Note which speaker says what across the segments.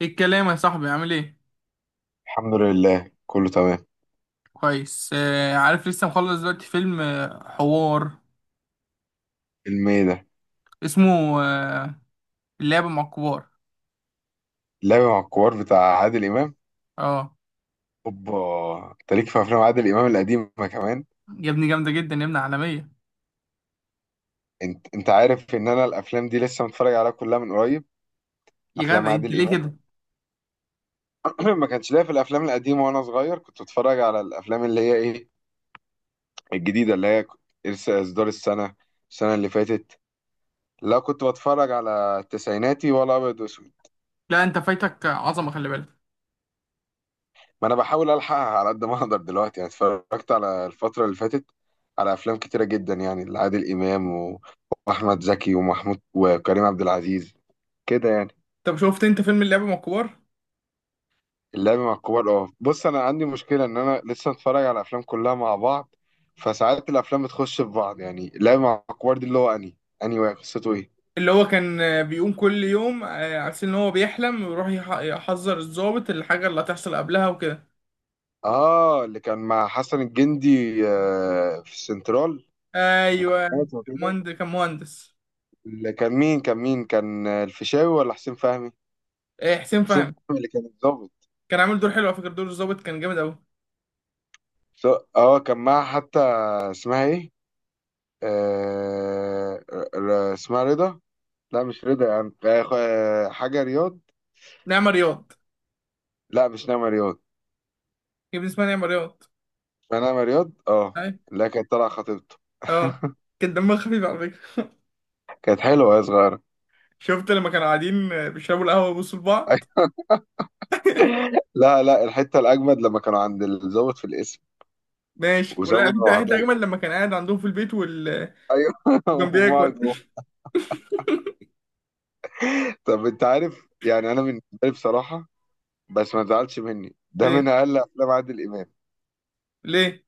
Speaker 1: ايه الكلام يا صاحبي، عامل ايه؟
Speaker 2: الحمد لله كله تمام.
Speaker 1: كويس. عارف، لسه مخلص دلوقتي فيلم، حوار.
Speaker 2: فيلم ايه ده؟
Speaker 1: اسمه اللعبة مع الكبار.
Speaker 2: اللعبة مع الكبار بتاع عادل إمام.
Speaker 1: اه،
Speaker 2: اوبا. انت ليك في افلام عادل إمام القديمة كمان.
Speaker 1: يا ابني جامدة جدا، يا ابني عالمية.
Speaker 2: انت عارف ان انا الافلام دي لسه متفرج عليها كلها من قريب.
Speaker 1: يا
Speaker 2: افلام
Speaker 1: جدع، انت
Speaker 2: عادل
Speaker 1: ليه
Speaker 2: إمام.
Speaker 1: كده؟
Speaker 2: ما كانش ليا في الافلام القديمة، وانا صغير كنت بتفرج على الافلام اللي هي ايه، الجديدة، اللي هي لسه اصدار السنة اللي فاتت. لا، كنت بتفرج على التسعيناتي ولا ابيض واسود.
Speaker 1: لا، انت فايتك عظمة، خلي بالك.
Speaker 2: ما انا بحاول الحقها على قد ما اقدر دلوقتي، يعني اتفرجت على الفتره اللي فاتت على افلام كتيره جدا يعني لعادل امام واحمد زكي ومحمود وكريم عبد العزيز كده يعني.
Speaker 1: طب شفت انت فيلم اللعبة مع الكبار؟
Speaker 2: اللعب مع الكبار، اه، بص انا عندي مشكله ان انا لسه متفرج على افلام كلها مع بعض، فساعات الافلام بتخش في بعض. يعني اللعب مع الكبار دي اللي هو اني واقع، قصته ايه؟
Speaker 1: اللي هو كان بيقوم كل يوم، على أساس ان هو بيحلم ويروح يحذر الضابط الحاجة اللي هتحصل قبلها وكده.
Speaker 2: اه، اللي كان مع حسن الجندي، في السنترال،
Speaker 1: ايوه.
Speaker 2: مكالمات وكده.
Speaker 1: مهندس، كان مهندس.
Speaker 2: اللي كان مين، كان الفيشاوي ولا حسين فهمي؟
Speaker 1: حسين
Speaker 2: حسين
Speaker 1: فهمي.
Speaker 2: فهمي اللي كان الضابط.
Speaker 1: كان عامل دور حلو على فكرة، دور الضابط كان جامد قوي.
Speaker 2: ف- اه، كان معاه حتى، اسمها ايه، اسمها رضا. لا مش رضا، يعني حاجة رياض.
Speaker 1: نعمة رياض.
Speaker 2: لا مش نعمة رياض.
Speaker 1: يا ابني اسمها نعمة رياض.
Speaker 2: اسمها نعمة رياض، اه.
Speaker 1: أي.
Speaker 2: لا كانت طالعة خطيبته.
Speaker 1: أه. كان دمها خفيف على فكرة.
Speaker 2: كانت حلوة يا صغيرة.
Speaker 1: شفت لما كانوا قاعدين بيشربوا القهوة ويبصوا لبعض؟
Speaker 2: لا لا، الحتة الأجمد لما كانوا عند الضابط في القسم
Speaker 1: ماشي، ولا
Speaker 2: وسابهم
Speaker 1: في حتة
Speaker 2: لوحدهم.
Speaker 1: أجمل لما كان قاعد عندهم في البيت
Speaker 2: أيوه.
Speaker 1: وكان
Speaker 2: وهم
Speaker 1: بياكل؟
Speaker 2: جوه. طب أنت عارف يعني أنا بالنسبة لي بصراحة، بس ما تزعلش مني، ده من
Speaker 1: ليه؟
Speaker 2: أقل أفلام عادل إمام.
Speaker 1: ليه؟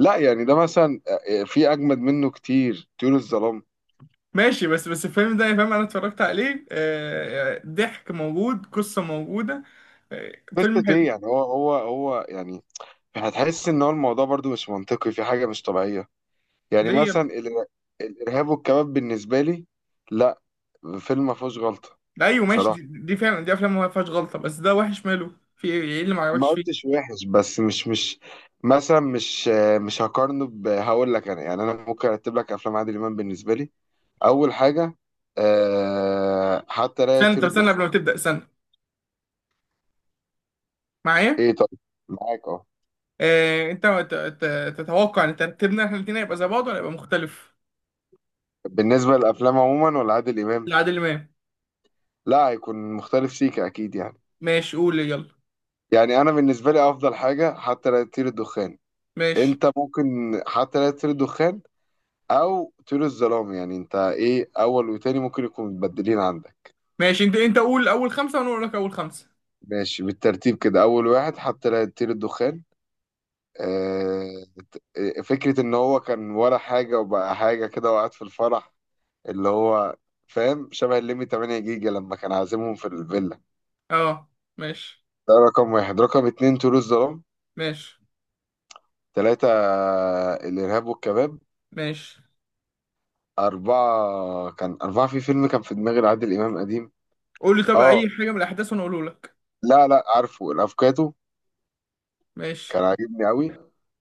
Speaker 2: لا يعني ده مثلا في اجمد منه كتير، طيور الظلام.
Speaker 1: ماشي، بس الفيلم ده يا فاهم، أنا اتفرجت عليه، ضحك موجود، قصة موجودة، آه، فيلم
Speaker 2: قصة
Speaker 1: حلو.
Speaker 2: ايه يعني، هو يعني هتحس ان هو الموضوع برضو مش منطقي، في حاجة مش طبيعية. يعني
Speaker 1: ليه يا
Speaker 2: مثلا
Speaker 1: ابني؟
Speaker 2: الارهاب والكباب بالنسبة لي، لا، فيلم ما فيهوش غلطة.
Speaker 1: أيوه ماشي،
Speaker 2: بصراحة
Speaker 1: دي فعلا دي أفلام ما فيهاش غلطة، بس ده وحش ماله؟ في إيه اللي ما
Speaker 2: ما
Speaker 1: عجبكش فيه؟
Speaker 2: قلتش وحش، بس مش مثلا، مش هقارنه ب- هقول لك انا، يعني انا ممكن ارتب لك افلام عادل امام بالنسبة لي. اول حاجة، أه، حتى لا
Speaker 1: استنى،
Speaker 2: يطير
Speaker 1: طب استنى
Speaker 2: الدخان.
Speaker 1: قبل ما تبدأ، استنى معايا.
Speaker 2: ايه، طيب، معاك اه.
Speaker 1: أنت تتوقع إن ترتيبنا إحنا الاتنين هيبقى زي بعض ولا هيبقى مختلف؟
Speaker 2: بالنسبة للأفلام عموما ولا عادل إمام؟
Speaker 1: لعادل امام.
Speaker 2: لا هيكون مختلف سيكا أكيد يعني.
Speaker 1: ماشي، قول يلا.
Speaker 2: يعني أنا بالنسبة لي أفضل حاجة حتى لا تطير الدخان.
Speaker 1: ماشي،
Speaker 2: أنت ممكن حتى لا تطير الدخان أو طيور الظلام، يعني أنت إيه أول وتاني ممكن يكونوا متبدلين عندك.
Speaker 1: ماشي، انت قول اول خمسه وانا اقول لك اول خمسه.
Speaker 2: ماشي، بالترتيب كده، أول واحد حتى لا تطير الدخان، آه، فكرة إن هو كان ولا حاجة وبقى حاجة كده وقعد في الفرح، اللي هو فاهم، شبه الليمي 8 جيجا لما كان عازمهم في الفيلا.
Speaker 1: اه. ماشي،
Speaker 2: ده رقم واحد. رقم اتنين طيور الظلام.
Speaker 1: ماشي،
Speaker 2: ثلاثة الإرهاب والكباب.
Speaker 1: ماشي.
Speaker 2: أربعة كان أربعة في فيلم كان في دماغي لعادل إمام قديم،
Speaker 1: قول لي طب
Speaker 2: أه،
Speaker 1: اي حاجه من الاحداث وانا اقوله لك.
Speaker 2: لا لا، عارفه، الأفوكاتو، كان
Speaker 1: ماشي،
Speaker 2: عاجبني أوي.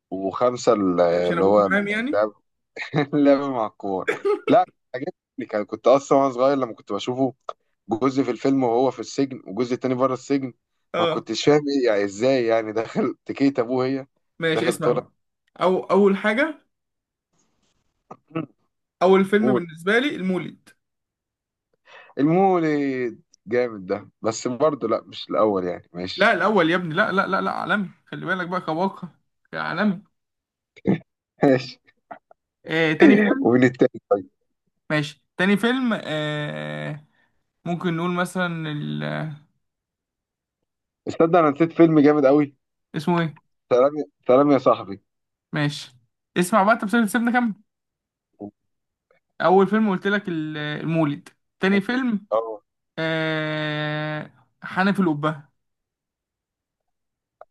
Speaker 2: وخمسة
Speaker 1: عشان
Speaker 2: اللي
Speaker 1: ابوك
Speaker 2: هو
Speaker 1: محامي يعني.
Speaker 2: اللعب، اللعب مع الكبار. لا عجبني، كان كنت أصلا وأنا صغير لما كنت بشوفه، جزء في الفيلم وهو في السجن وجزء تاني بره السجن، ما
Speaker 1: اه.
Speaker 2: كنتش فاهم إيه، يعني إزاي يعني داخل تكيت أبوه، هي
Speaker 1: ماشي،
Speaker 2: داخل
Speaker 1: اسمع
Speaker 2: طالع.
Speaker 1: بقى. او اول حاجه، اول فيلم
Speaker 2: قول.
Speaker 1: بالنسبه لي المولد.
Speaker 2: المولد جامد ده، بس برضه لا مش الأول يعني،
Speaker 1: لا
Speaker 2: ماشي.
Speaker 1: الاول يا ابني، لا لا لا لا، عالمي، خلي بالك بقى كواقع. يا عالمي.
Speaker 2: ماشي.
Speaker 1: تاني فيلم.
Speaker 2: ومين التاني طيب؟
Speaker 1: ماشي، تاني فيلم. ممكن نقول مثلا
Speaker 2: استنى انا نسيت فيلم جامد قوي،
Speaker 1: اسمه ايه؟
Speaker 2: سلام سلام يا صاحبي.
Speaker 1: ماشي، اسمع بقى، انت سيبنا كمل. اول فيلم قلت لك المولد. تاني فيلم،
Speaker 2: اه
Speaker 1: حنف القبه.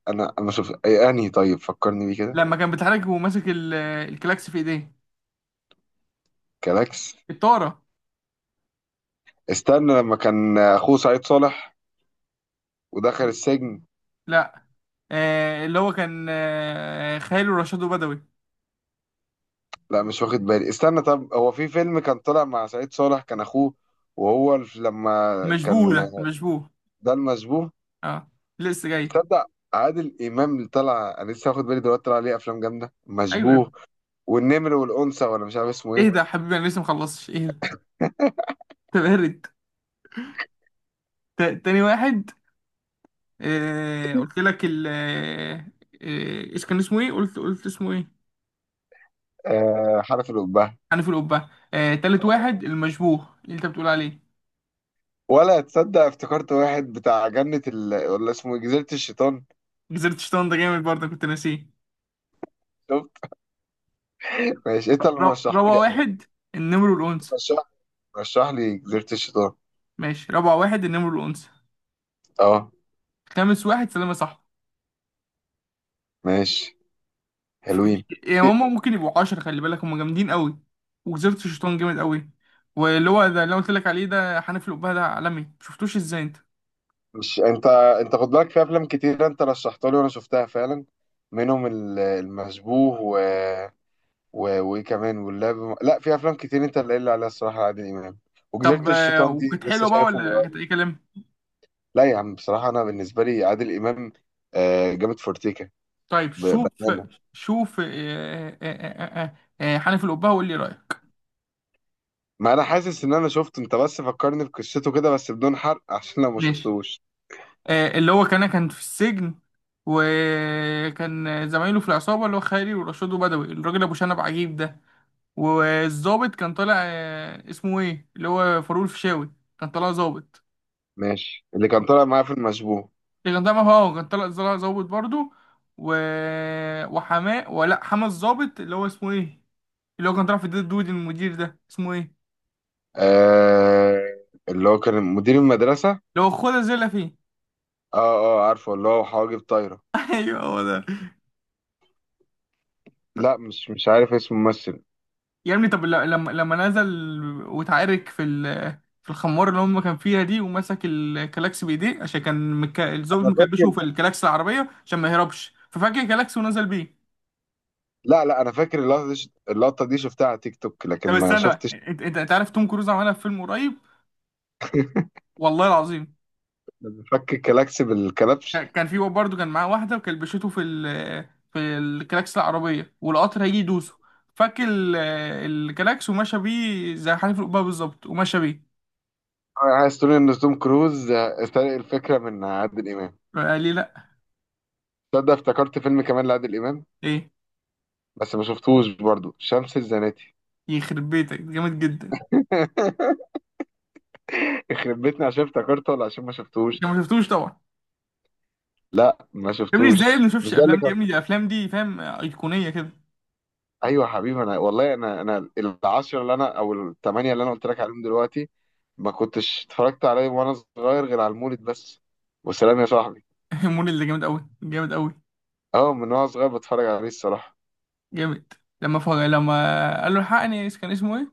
Speaker 2: انا شوف اي انهي طيب، فكرني بيه كده.
Speaker 1: لما كان بيتحرك وماسك الكلاكس في ايديه،
Speaker 2: كلاكس.
Speaker 1: الطاره.
Speaker 2: استنى لما كان اخوه سعيد صالح ودخل السجن.
Speaker 1: لا. اللي هو كان خاله رشاد بدوي.
Speaker 2: لا مش واخد بالي، استنى، طب هو في فيلم كان طلع مع سعيد صالح كان اخوه، وهو لما
Speaker 1: المشبوه،
Speaker 2: كان،
Speaker 1: ده المشبوه.
Speaker 2: ده المشبوه.
Speaker 1: اه، لسه جاي.
Speaker 2: تصدق عادل امام اللي طلع، انا لسه واخد بالي دلوقتي طلع عليه افلام جامده،
Speaker 1: ايوه يا ابني.
Speaker 2: مشبوه والنمر والانثى، ولا مش عارف اسمه ايه.
Speaker 1: اهدى يا حبيبي، انا لسه مخلصش، اهدى. انت بارد. تاني واحد. قلت لك ال آه، ايش كان اسمه ايه؟ قلت اسمه ايه؟
Speaker 2: آه، حرف الأبهة.
Speaker 1: حنف القبه. تالت واحد المشبوه اللي انت بتقول عليه.
Speaker 2: ولا تصدق افتكرت واحد بتاع جنة ال... ولا اسمه إيه؟ جزيرة الشيطان.
Speaker 1: جزيرة شيطان ده جامد برضه، كنت ناسيه.
Speaker 2: شفت؟ ماشي انت اللي
Speaker 1: رابع
Speaker 2: مرشحهولي على
Speaker 1: واحد
Speaker 2: فكرة.
Speaker 1: النمر والأنثى.
Speaker 2: رشح، رشح لي جزيرة الشيطان.
Speaker 1: ماشي، رابع واحد النمر والأنثى.
Speaker 2: اه،
Speaker 1: خامس واحد سلامة، صح.
Speaker 2: ماشي،
Speaker 1: ف-
Speaker 2: حلوين.
Speaker 1: يا
Speaker 2: إيه،
Speaker 1: ماما، ممكن يبقوا عشرة، خلي بالك، هما جامدين قوي. وجزيرة الشيطان جامد قوي. واللي هو ده اللي أنا قلت لك عليه، ده حنفي الأبهة، ده عالمي. شفتوش ازاي انت؟
Speaker 2: مش انت، انت خد بالك في افلام كتير انت رشحتها لي وانا شفتها فعلا، منهم المشبوه و... و... وايه كمان، واللعب. لا في افلام كتير انت اللي قايل لي عليها الصراحة، عادل امام. وجزيرة
Speaker 1: طب أيوة.
Speaker 2: الشيطان دي
Speaker 1: وكانت
Speaker 2: لسه
Speaker 1: حلوة بقى
Speaker 2: شايفه من
Speaker 1: ولا كانت
Speaker 2: قريب.
Speaker 1: أي كلام؟
Speaker 2: لا يا عم بصراحة انا بالنسبة لي عادل امام، آه، جامد فورتيكا.
Speaker 1: طيب شوف،
Speaker 2: بأمانة.
Speaker 1: شوف. حنفي الأبهة، وقول لي رأيك.
Speaker 2: ما انا حاسس ان انا شفته انت، بس فكرني بقصته كده، بس بدون حرق عشان لو ما
Speaker 1: ماشي.
Speaker 2: شفتوش.
Speaker 1: اللي هو كان في السجن، وكان زمايله في العصابة اللي هو خالي ورشاد وبدوي الراجل أبو شنب عجيب ده. والظابط كان طالع، اسمه إيه، اللي هو فاروق الفيشاوي. كان طالع ظابط.
Speaker 2: ماشي. اللي كان طالع معايا في المشبوه.
Speaker 1: اللي كان طالع هو كان طالع ظابط برضه. و... وحماء ولا حماة الظابط اللي هو اسمه إيه؟ اللي هو كان طالع في الدود، المدير ده اسمه إيه؟
Speaker 2: آه... اللي هو كان مدير المدرسة.
Speaker 1: اللي هو خد زي فيه.
Speaker 2: اه اه، عارفه، اللي هو حواجب طايرة.
Speaker 1: ايوه، هو ده.
Speaker 2: لا مش عارف اسم الممثل.
Speaker 1: يا ابني، طب لما نزل، واتعارك في في الخمار اللي هم كان فيها دي، ومسك الكلاكس بايديه عشان كان الظابط
Speaker 2: انا
Speaker 1: مكلبشه
Speaker 2: فاكر.
Speaker 1: في الكلاكس العربيه عشان ما يهربش، ففجأة الكلاكس ونزل بيه.
Speaker 2: لا لا، انا فاكر اللقطة دي، اللقطة دي شفتها على تيك توك، لكن
Speaker 1: طب
Speaker 2: ما
Speaker 1: استنى،
Speaker 2: شفتش
Speaker 1: انت انت أنت عارف توم كروز عملها في فيلم قريب؟ والله العظيم.
Speaker 2: لما فك الكلاكس بالكلبش.
Speaker 1: كان في برضه، كان معاه واحده وكلبشته في في الكلاكس العربيه، والقطر هيجي يدوسه، فك الكلاكس ومشى بيه زي حنيف القبه بالظبط، ومشى بيه.
Speaker 2: آه، عايز تقول ان توم كروز سرق الفكرة من عادل امام؟
Speaker 1: قال لي لا.
Speaker 2: تصدق افتكرت فيلم كمان لعادل امام،
Speaker 1: ايه؟
Speaker 2: بس ما شفتوش برضو، شمس الزناتي.
Speaker 1: يخرب بيتك، جامد جدا.
Speaker 2: يخرب بيتنا، عشان افتكرته ولا عشان ما شفتوش؟
Speaker 1: انت ما شفتوش طبعا.
Speaker 2: لا ما
Speaker 1: يا ابني ازاي يا
Speaker 2: شفتوش.
Speaker 1: ابني ما شفتش
Speaker 2: مش ده اللي
Speaker 1: الافلام دي؟
Speaker 2: كان.
Speaker 1: يا ابني دي الافلام دي، فاهم، ايقونيه كده.
Speaker 2: ايوه يا حبيبي انا والله، انا العشرة اللي انا او الثمانية اللي انا قلت لك عليهم دلوقتي، ما كنتش اتفرجت عليه وانا صغير غير على المولد بس، وسلام يا صاحبي.
Speaker 1: مول اللي جامد قوي جامد قوي
Speaker 2: اه، من وانا صغير بتفرج عليه الصراحة.
Speaker 1: جامد. لما قال له الحقني، كان اسمه ايه؟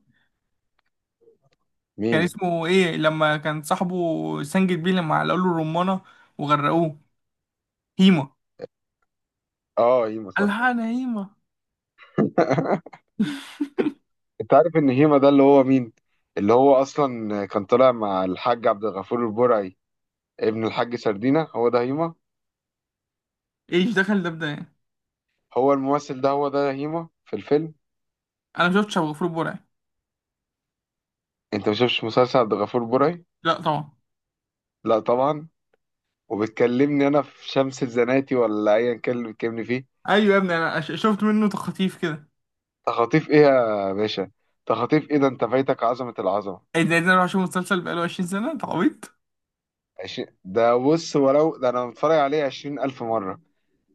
Speaker 1: كان
Speaker 2: مين؟
Speaker 1: اسمه ايه لما كان صاحبه، سنجد بيه لما قال له الرمانه وغرقوه؟ هيما.
Speaker 2: اه، هيما، صح.
Speaker 1: الحقني يا هيما.
Speaker 2: انت عارف ان هيما ده اللي هو مين؟ اللي هو اصلا كان طالع مع الحاج عبد الغفور البرعي، ابن الحاج سردينة، هو ده هيما.
Speaker 1: ايش دخل ده بده يعني؟
Speaker 2: هو الممثل ده هو ده هيما في الفيلم.
Speaker 1: انا ما شفتش ابو غفور البرعي.
Speaker 2: انت ما شفتش مسلسل عبد الغفور برعي؟
Speaker 1: لا طبعا.
Speaker 2: لا طبعا. وبتكلمني انا في شمس الزناتي ولا ايا كان اللي بتكلمني فيه.
Speaker 1: ايوه يا ابني، انا شفت منه تخطيف كده.
Speaker 2: تخاطيف ايه يا باشا؟ تخاطيف ايه ده، انت فايتك عظمه، العظمه.
Speaker 1: ايه ده، إيه ده، انا اروح اشوف مسلسل بقاله 20 سنه؟ انت عبيط.
Speaker 2: 20، ده بص، ولو ده انا متفرج عليه 20,000 مره.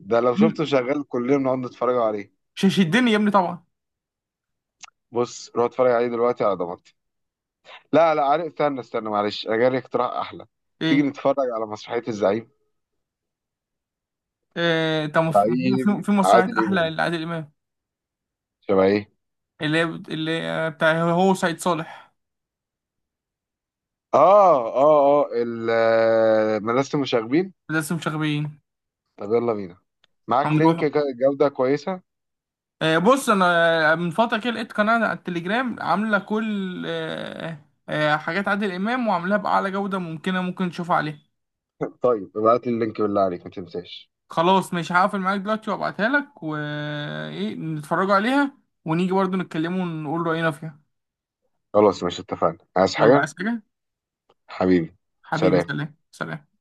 Speaker 2: ده لو
Speaker 1: مم.
Speaker 2: شفته شغال كلنا بنقعد نتفرج عليه.
Speaker 1: مش هيشدني يا ابني طبعا.
Speaker 2: بص روح اتفرج عليه دلوقتي على ضمانتي. لا لا عارف، استنى استنى، معلش انا جالي اقتراح احلى. تيجي
Speaker 1: ايه؟
Speaker 2: نتفرج على مسرحيه الزعيم،
Speaker 1: طب ما في،
Speaker 2: زعيم
Speaker 1: في مسرحية
Speaker 2: عادل
Speaker 1: أحلى
Speaker 2: امام.
Speaker 1: لعادل إمام،
Speaker 2: شبه ايه؟
Speaker 1: اللي هي اللي بتاع هو سعيد صالح.
Speaker 2: اه اه اه، مدرسه المشاغبين.
Speaker 1: لسه مش غبيين.
Speaker 2: طب يلا بينا، معاك
Speaker 1: هنروحوا.
Speaker 2: لينك جودة كويسة؟
Speaker 1: بص انا، من فتره كده لقيت قناه على التليجرام عامله كل حاجات عادل امام وعاملاها باعلى جوده ممكنه، ممكن تشوفها عليها.
Speaker 2: طيب ابعت لي اللينك بالله عليك ما تنساش.
Speaker 1: خلاص، مش هقفل معاك دلوقتي وابعتها لك وايه، نتفرجوا عليها ونيجي برضو نتكلموا ونقول راينا فيها.
Speaker 2: خلاص، مش اتفقنا؟ عايز
Speaker 1: يلا،
Speaker 2: حاجة؟
Speaker 1: عايز حاجه؟
Speaker 2: حبيبي،
Speaker 1: حبيبي،
Speaker 2: سلام.
Speaker 1: سلام سلام.